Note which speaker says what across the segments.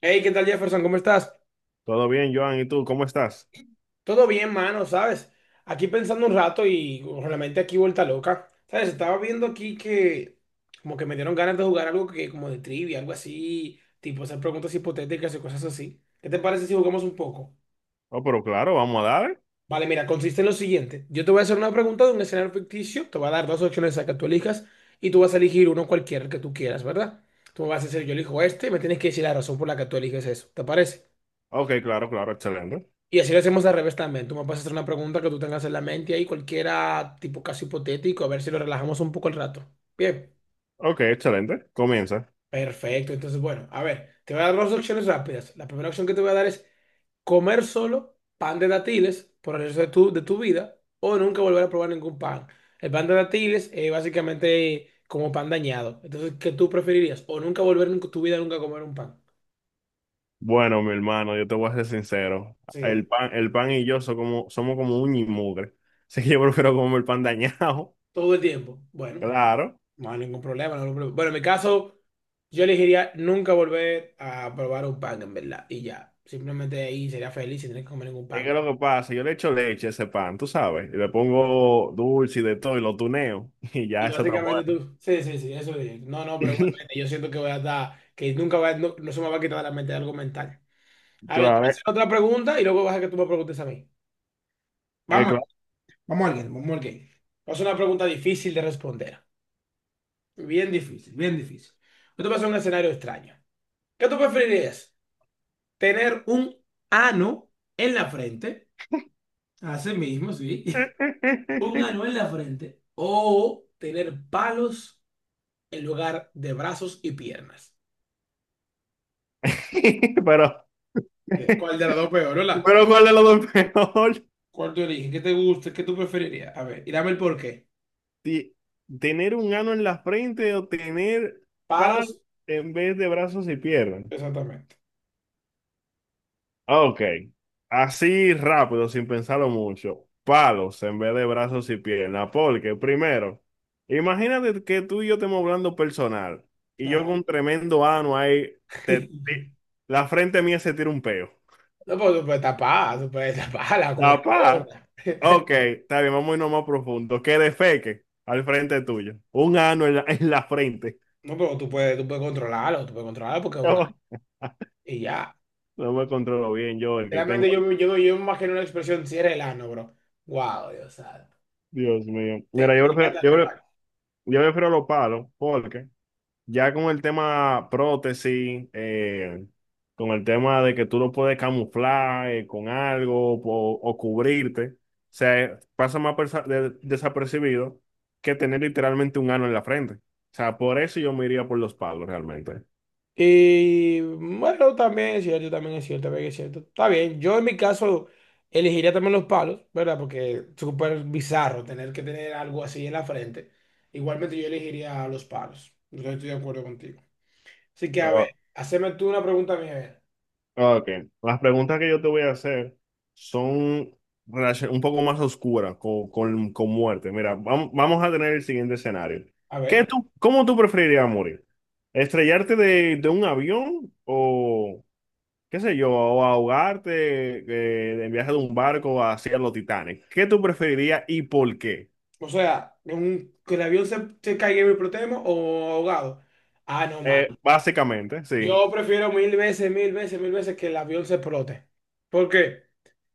Speaker 1: Hey, ¿qué tal Jefferson? ¿Cómo estás?
Speaker 2: Todo bien, Joan, ¿y tú cómo estás?
Speaker 1: Todo bien, mano, ¿sabes? Aquí pensando un rato y realmente aquí vuelta loca. ¿Sabes? Estaba viendo aquí que como que me dieron ganas de jugar algo que como de trivia, algo así, tipo hacer preguntas hipotéticas y cosas así. ¿Qué te parece si jugamos un poco?
Speaker 2: Oh, pero claro, vamos a dar.
Speaker 1: Vale, mira, consiste en lo siguiente. Yo te voy a hacer una pregunta de un escenario ficticio, te voy a dar dos opciones a que tú elijas y tú vas a elegir uno cualquiera que tú quieras, ¿verdad? Tú me vas a decir, yo elijo este y me tienes que decir la razón por la que tú eliges eso. ¿Te parece?
Speaker 2: Ok, claro, claro, excelente.
Speaker 1: Y así lo hacemos al revés también. Tú me puedes hacer una pregunta que tú tengas en la mente ahí, cualquiera tipo casi hipotético, a ver si lo relajamos un poco el rato. Bien,
Speaker 2: Ok, excelente. Comienza.
Speaker 1: perfecto. Entonces, bueno, a ver, te voy a dar dos opciones rápidas. La primera opción que te voy a dar es comer solo pan de dátiles por el resto de tu vida o nunca volver a probar ningún pan. El pan de dátiles es básicamente como pan dañado. Entonces, ¿qué tú preferirías? O nunca volver en tu vida nunca a comer un pan.
Speaker 2: Bueno, mi hermano, yo te voy a ser sincero.
Speaker 1: Sí,
Speaker 2: El pan y yo somos como uña y mugre. Así que yo prefiero comer el pan dañado.
Speaker 1: todo el tiempo. Bueno.
Speaker 2: Claro.
Speaker 1: No hay ningún problema, no hay ningún problema. Bueno, en mi caso, yo elegiría nunca volver a probar un pan, en verdad. Y ya, simplemente ahí sería feliz sin tener que comer ningún
Speaker 2: Es que
Speaker 1: pan.
Speaker 2: lo que pasa, yo le echo leche a ese pan, tú sabes. Y le pongo dulce y de todo y lo tuneo. Y ya
Speaker 1: Y
Speaker 2: eso está
Speaker 1: básicamente
Speaker 2: bueno.
Speaker 1: tú, sí, sí, sí, eso sí. No, no, pero igualmente yo siento que voy a estar, que nunca va, no, no se me va a quitar de la mente algo mental. A ver, te voy
Speaker 2: Claro,
Speaker 1: a hacer otra pregunta y luego vas a que tú me preguntes a mí. Vamos,
Speaker 2: claro.
Speaker 1: vamos a alguien, vamos a alguien. Es una pregunta difícil de responder. Bien difícil, bien difícil. Yo te voy a hacer un escenario extraño. ¿Qué tú preferirías? Tener un ano en la frente, así mismo, sí, un ano en la frente, o tener palos en lugar de brazos y piernas.
Speaker 2: Pero,
Speaker 1: ¿Cuál de las dos peor, hola?
Speaker 2: pero ¿cuál de los dos es peor?
Speaker 1: ¿Cuál te origen? ¿Qué te gusta? ¿Qué tú preferirías? A ver, y dame el porqué.
Speaker 2: ti- tener un ano en la frente o tener par
Speaker 1: Palos,
Speaker 2: en vez de brazos y piernas.
Speaker 1: exactamente.
Speaker 2: Ah, ok, así rápido, sin pensarlo mucho. Palos en vez de brazos y piernas. Porque primero, imagínate que tú y yo estemos hablando personal y yo con
Speaker 1: Ajá.
Speaker 2: un tremendo ano ahí, te- te- la frente mía se tira un peo.
Speaker 1: No, pero tú puedes tapar, tú puedes taparla con una
Speaker 2: Papá,
Speaker 1: gorra.
Speaker 2: ok, está bien, vamos a irnos más profundo. Que defeque al frente tuyo. Un ano en la frente.
Speaker 1: No, pero tú puedes controlarlo porque es un ano. Y ya.
Speaker 2: No me controlo bien yo, el que tengo.
Speaker 1: Realmente yo me imagino una expresión, cierra el ano, bro. Wow, Dios santo.
Speaker 2: Dios mío. Mira,
Speaker 1: Te-
Speaker 2: yo
Speaker 1: te queda
Speaker 2: prefiero,
Speaker 1: tal
Speaker 2: yo, pre-
Speaker 1: cual.
Speaker 2: yo prefiero los palos porque ya con el tema prótesis, con el tema de que tú lo puedes camuflar con algo o cubrirte, o sea, pasa más desapercibido que tener literalmente un ano en la frente. O sea, por eso yo me iría por los palos realmente.
Speaker 1: Y bueno, también es cierto, también es cierto, también es cierto. Está bien, yo en mi caso elegiría también los palos, ¿verdad? Porque es súper bizarro tener que tener algo así en la frente. Igualmente yo elegiría los palos. Yo estoy de acuerdo contigo. Así que a ver, haceme tú una pregunta a mí, a ver.
Speaker 2: Ok, las preguntas que yo te voy a hacer son un poco más oscuras con muerte. Mira, vamos a tener el siguiente escenario.
Speaker 1: A
Speaker 2: ¿Qué
Speaker 1: ver,
Speaker 2: tú, cómo tú preferirías morir? ¿Estrellarte de un avión o, qué sé yo, o ahogarte en viaje de un barco hacia los Titanes? ¿Qué tú preferirías y por qué?
Speaker 1: o sea, que el avión se caiga y me explotemos o ahogado. Ah, no, man.
Speaker 2: Básicamente, sí.
Speaker 1: Yo prefiero mil veces, mil veces, mil veces que el avión se explote. ¿Por qué?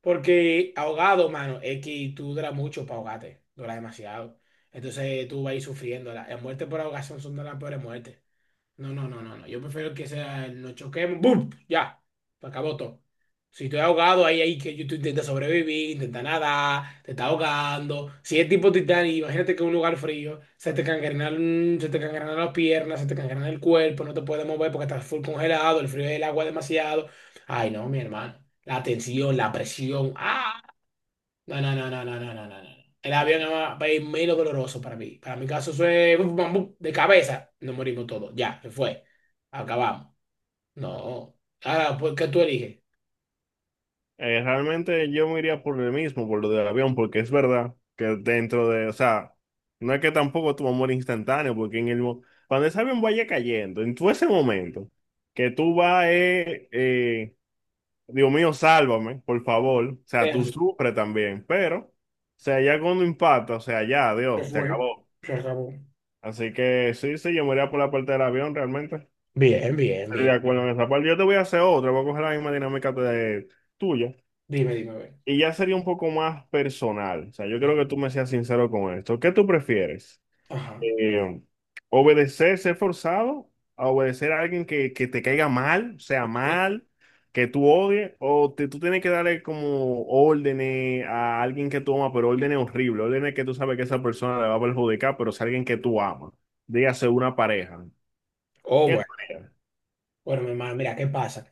Speaker 1: Porque ahogado, mano, es que tú duras mucho para ahogarte, dura demasiado. Entonces tú vas a ir sufriendo. La muerte por ahogación son de las peores muertes. No, no, no, no, no. Yo prefiero que sea, el nos choquemos, ¡boom! Ya, se acabó todo. Si estoy ahogado, ahí que tú intentas sobrevivir, intentas nadar, te está ahogando. Si es tipo Titanic, imagínate que en un lugar frío se te cangrenan las piernas, se te cangrena el cuerpo, no te puedes mover porque estás full congelado, el frío del agua es demasiado. Ay, no, mi hermano. La tensión, la presión. ¡Ah! No, no, no, no, no, no, no, no, no. El avión no va a ir menos doloroso para mí. Para mi caso fue bum, bum, bum, de cabeza. Nos morimos todos. Ya, se fue. Acabamos. No. Ahora, pues, ¿qué tú eliges?
Speaker 2: Realmente yo me iría por el mismo, por lo del avión, porque es verdad que dentro de, o sea, no es que tampoco tu amor instantáneo, porque cuando ese avión vaya cayendo, en todo ese momento, que tú vas, Dios mío, sálvame, por favor, o sea,
Speaker 1: Es
Speaker 2: tú
Speaker 1: así.
Speaker 2: sufres también, pero, o sea, ya cuando impacta, o sea, ya,
Speaker 1: Se
Speaker 2: Dios, se
Speaker 1: fue,
Speaker 2: acabó.
Speaker 1: se acabó.
Speaker 2: Así que sí, sí, yo me iría por la parte del avión, realmente.
Speaker 1: Bien, bien,
Speaker 2: Estoy de
Speaker 1: bien.
Speaker 2: acuerdo en esa parte. Yo te voy a hacer otra, voy a coger la misma dinámica de, tuya.
Speaker 1: Dime, dime, a ver.
Speaker 2: Y ya sería un poco más personal. O sea, yo creo que tú me seas sincero con esto. ¿Qué tú prefieres?
Speaker 1: Ajá,
Speaker 2: Eh, ¿Obedecer, ser forzado? ¿A obedecer a alguien que te caiga mal, sea
Speaker 1: ok.
Speaker 2: mal, que tú odies? ¿O tú tienes que darle como órdenes a alguien que tú amas, pero órdenes horribles, órdenes que tú sabes que esa persona le va a perjudicar, pero es alguien que tú amas? Dígase una pareja.
Speaker 1: Oh,
Speaker 2: ¿Qué tú
Speaker 1: bueno.
Speaker 2: harías?
Speaker 1: Bueno, mi hermano, mira, ¿qué pasa?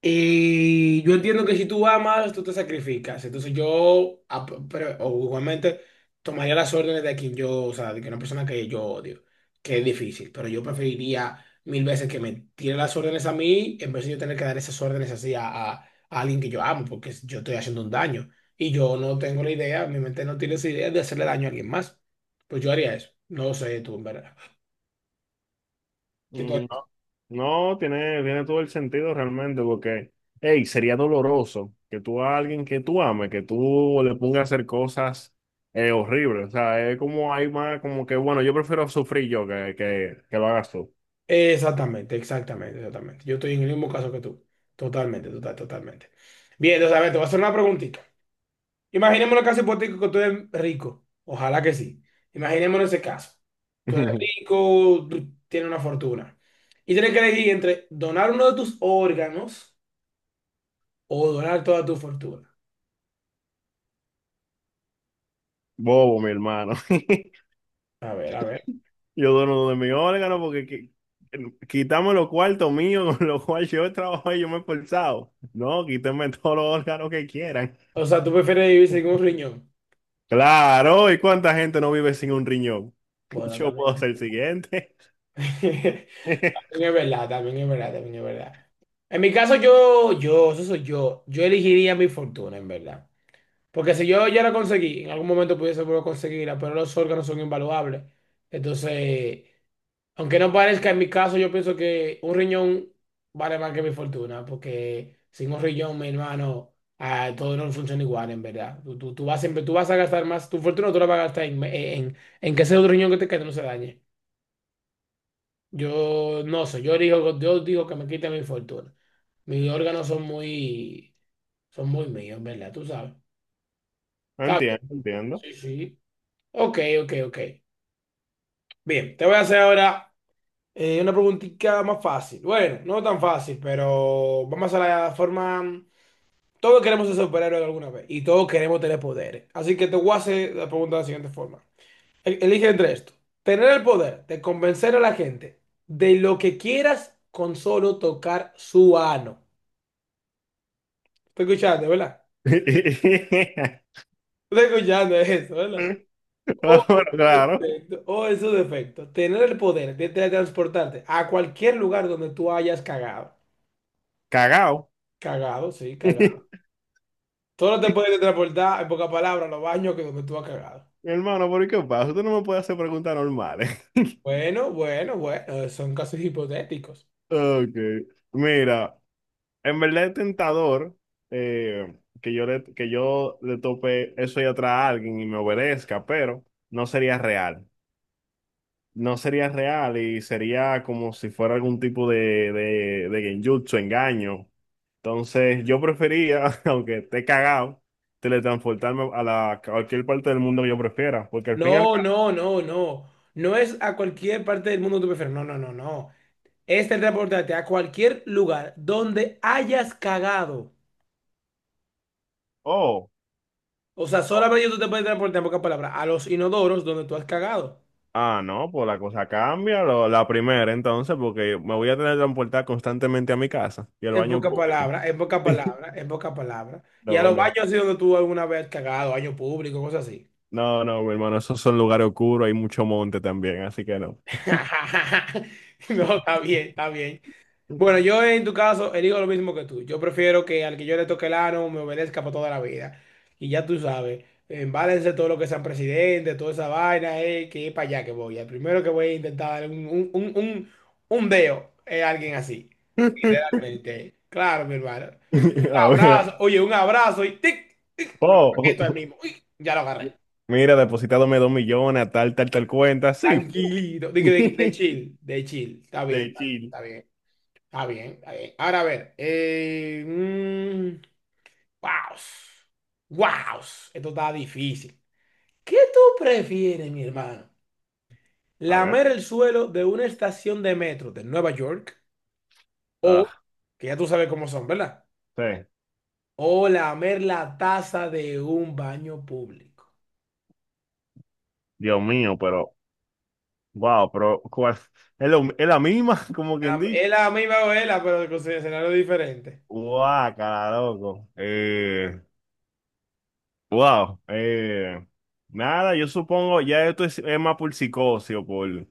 Speaker 1: Y yo entiendo que si tú amas, tú te sacrificas. O igualmente, tomaría las órdenes de quien yo, o sea, de que una persona que yo odio, que es difícil, pero yo preferiría mil veces que me tire las órdenes a mí en vez de yo tener que dar esas órdenes así a alguien que yo amo, porque yo estoy haciendo un daño. Y yo no tengo la idea, mi mente no tiene esa idea de hacerle daño a alguien más. Pues yo haría eso. No sé tú, en verdad. ¿Qué tú
Speaker 2: Mm,
Speaker 1: harías?
Speaker 2: No, tiene todo el sentido realmente, porque, hey, sería doloroso que tú a alguien que tú ames, que tú le pongas a hacer cosas horribles. O sea, es como hay más, como que, bueno, yo prefiero sufrir yo que lo hagas tú.
Speaker 1: Exactamente, exactamente, exactamente. Yo estoy en el mismo caso que tú. Totalmente, total, totalmente. Bien, entonces, a ver, te voy a hacer una preguntita. Imaginémonos el caso hipotético que tú eres rico. Ojalá que sí. Imaginémonos ese caso. Tú eres rico, tú tienes una fortuna. Y tienes que elegir entre donar uno de tus órganos o donar toda tu fortuna.
Speaker 2: Bobo, mi hermano.
Speaker 1: A ver, a ver.
Speaker 2: Yo dono de mi órgano porque quitame los cuartos míos con los cuales yo he trabajado y yo me he esforzado. No, quítame todos los órganos que quieran.
Speaker 1: O sea, ¿tú prefieres vivir sin un riñón?
Speaker 2: Claro, ¿y cuánta gente no vive sin un riñón?
Speaker 1: Bueno,
Speaker 2: Yo
Speaker 1: también.
Speaker 2: puedo ser el siguiente.
Speaker 1: También es verdad, también es verdad, también es verdad. En mi caso, eso soy yo, yo elegiría mi fortuna, en verdad. Porque si yo ya la conseguí, en algún momento pudiese volver a conseguirla, pero los órganos son invaluables. Entonces, aunque no parezca, en mi caso, yo pienso que un riñón vale más que mi fortuna, porque sin un riñón, mi hermano, ah, todo no funciona igual, en verdad. Tú vas siempre, tú vas a gastar más, tu fortuna tú la vas a gastar en que ese otro riñón que te quede no se dañe. Yo no sé, yo digo que me quiten mi fortuna. Mis órganos son muy míos, ¿verdad? Tú sabes. Está bien,
Speaker 2: Entiendo, no entiendo.
Speaker 1: sí, sí. Ok, ok, ok. Bien, te voy a hacer ahora una preguntita más fácil. Bueno, no tan fácil, pero vamos a la forma. Todos queremos ser superhéroes alguna vez y todos queremos tener poderes. Así que te voy a hacer la pregunta de la siguiente forma. Elige entre esto. Tener el poder de convencer a la gente de lo que quieras con solo tocar su ano. Está escuchando, ¿verdad? Está escuchando eso, ¿verdad? Oh,
Speaker 2: Ah, bueno,
Speaker 1: esos
Speaker 2: claro,
Speaker 1: defectos, oh, esos defecto. Tener el poder de transportarte a cualquier lugar donde tú hayas cagado.
Speaker 2: cagao.
Speaker 1: Cagado, sí,
Speaker 2: Mi
Speaker 1: cagado. Tú no te puedes transportar, en pocas palabras, a los baños que donde tú has cagado.
Speaker 2: hermano, ¿por qué pasa? Tú no me puedes hacer preguntas normales.
Speaker 1: Bueno, bueno, bueno, son casos hipotéticos.
Speaker 2: Ok. Mira, en verdad es tentador eh, que yo le tope eso y atrás a alguien y me obedezca, pero no sería real. No sería real y sería como si fuera algún tipo de genjutsu, engaño. Entonces, yo prefería, aunque esté cagado, teletransportarme a cualquier parte del mundo que yo prefiera, porque al fin y al
Speaker 1: No,
Speaker 2: cabo,
Speaker 1: no, no, no. No es a cualquier parte del mundo que tú prefieres. No, no, no, no. Es transportarte a cualquier lugar donde hayas cagado.
Speaker 2: oh,
Speaker 1: O sea,
Speaker 2: oh,
Speaker 1: solamente tú te puedes transportar en pocas palabras a los inodoros donde tú has cagado.
Speaker 2: ah, no, pues la cosa cambia, la primera, entonces, porque me voy a teletransportar constantemente a mi casa y al
Speaker 1: En
Speaker 2: baño
Speaker 1: pocas
Speaker 2: público.
Speaker 1: palabras, en pocas palabras, en pocas palabras. Y a
Speaker 2: No,
Speaker 1: los baños
Speaker 2: no,
Speaker 1: así donde tú alguna vez has cagado, baño público, cosas así.
Speaker 2: no, no, mi hermano, esos son lugares oscuros, hay mucho monte también, así que no.
Speaker 1: No, está bien, está bien. Bueno, yo en tu caso elijo lo mismo que tú. Yo prefiero que al que yo le toque el ano me obedezca para toda la vida. Y ya tú sabes, embálense todo lo que sean presidente, toda esa vaina, que es para allá que voy. El primero que voy a intentar darle un deo es alguien así. Realmente. Claro, mi hermano. Un
Speaker 2: Ahora,
Speaker 1: abrazo. Oye, un abrazo y tic, tic. Lo esto ahí
Speaker 2: oh,
Speaker 1: mismo. Uy, ya lo agarré.
Speaker 2: mira, depositándome dos millones a tal, tal, tal cuenta. Sí, fu.
Speaker 1: Tranquilito. De
Speaker 2: De
Speaker 1: chill, de chill. Está bien, está bien,
Speaker 2: Chile.
Speaker 1: está bien. Está bien, está bien. Ahora a ver. Guaos. Guaos. Esto está difícil. ¿Qué tú prefieres, mi hermano?
Speaker 2: A ver,
Speaker 1: ¿Lamer el suelo de una estación de metro de Nueva York? O,
Speaker 2: ah,
Speaker 1: que ya tú sabes cómo son, ¿verdad?
Speaker 2: sí,
Speaker 1: O lamer la taza de un baño público.
Speaker 2: Dios mío, pero, wow, ¿cuál? Es, es la misma, como quien dice.
Speaker 1: Es la misma novela, pero con su escenario diferente.
Speaker 2: Guácala, loco. Wow. Nada, yo supongo, ya esto es más por psicosis o por,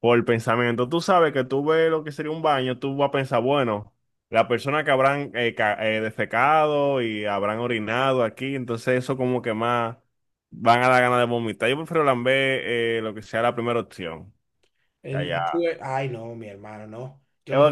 Speaker 2: por pensamiento. Tú sabes que tú ves lo que sería un baño, tú vas a pensar, bueno, la persona que habrán defecado y habrán orinado aquí, entonces eso como que más van a dar ganas de vomitar. Yo prefiero lamber lo que sea la primera opción. Allá.
Speaker 1: Ay, no, mi hermano, no. Yo me...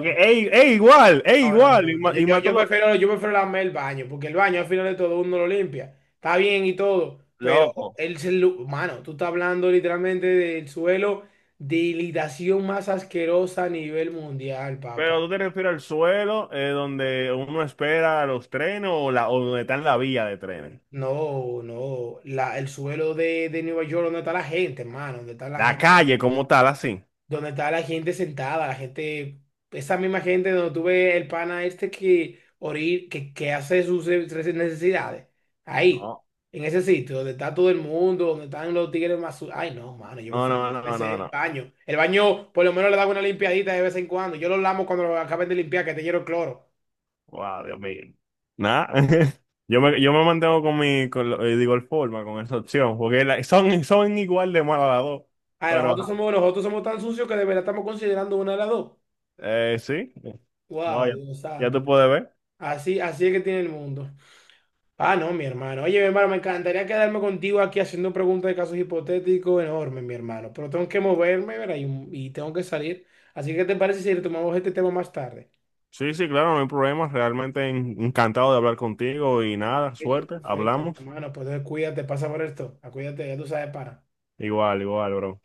Speaker 2: Es
Speaker 1: No, no, no,
Speaker 2: igual, y
Speaker 1: no.
Speaker 2: ma- y mato los.
Speaker 1: Yo prefiero lamer el baño, porque el baño al final de todo uno lo limpia. Está bien y todo, pero
Speaker 2: Loco.
Speaker 1: mano, tú estás hablando literalmente del suelo de hidratación más asquerosa a nivel mundial, papá.
Speaker 2: Pero tú te refieres al suelo donde uno espera los trenes o donde está en la vía de trenes.
Speaker 1: No, no. La, el suelo de Nueva York, donde está la gente, hermano, donde está la
Speaker 2: La
Speaker 1: gente.
Speaker 2: calle como tal, así.
Speaker 1: Donde estaba la gente sentada, la gente, esa misma gente donde tuve el pana este que orir, que hace sus necesidades. Ahí,
Speaker 2: No,
Speaker 1: en ese sitio, donde está todo el mundo, donde están los tigres más su- Ay, no, mano, yo
Speaker 2: no,
Speaker 1: prefiero
Speaker 2: no, no, no,
Speaker 1: ese
Speaker 2: no.
Speaker 1: baño. El baño, por lo menos le da una limpiadita de vez en cuando. Yo lo lamo cuando lo acaben de limpiar, que te lleno el cloro.
Speaker 2: Wow, Dios mío. Nada. Yo me mantengo con mi, con lo- digo, el forma, con esa opción, porque la- son igual de malas las dos.
Speaker 1: Ah ver,
Speaker 2: Pero, ajá.
Speaker 1: nosotros somos tan sucios que de verdad estamos considerando una de las dos.
Speaker 2: Sí. Wow,
Speaker 1: Wow,
Speaker 2: ya,
Speaker 1: Dios
Speaker 2: ya te
Speaker 1: santo.
Speaker 2: puedes ver.
Speaker 1: Así, así es que tiene el mundo. Ah, no, mi hermano. Oye, mi hermano, me encantaría quedarme contigo aquí haciendo preguntas de casos hipotéticos enormes, mi hermano. Pero tengo que moverme, ¿verdad? Y tengo que salir. Así que, ¿te parece si retomamos este tema más tarde?
Speaker 2: Sí, sí, claro, no hay problema. Realmente encantado de hablar contigo y nada,
Speaker 1: Perfecto,
Speaker 2: suerte.
Speaker 1: perfecto,
Speaker 2: Hablamos.
Speaker 1: hermano. Pues entonces, cuídate, pasa por esto. Acuídate, ya tú sabes, para.
Speaker 2: Igual, igual, bro.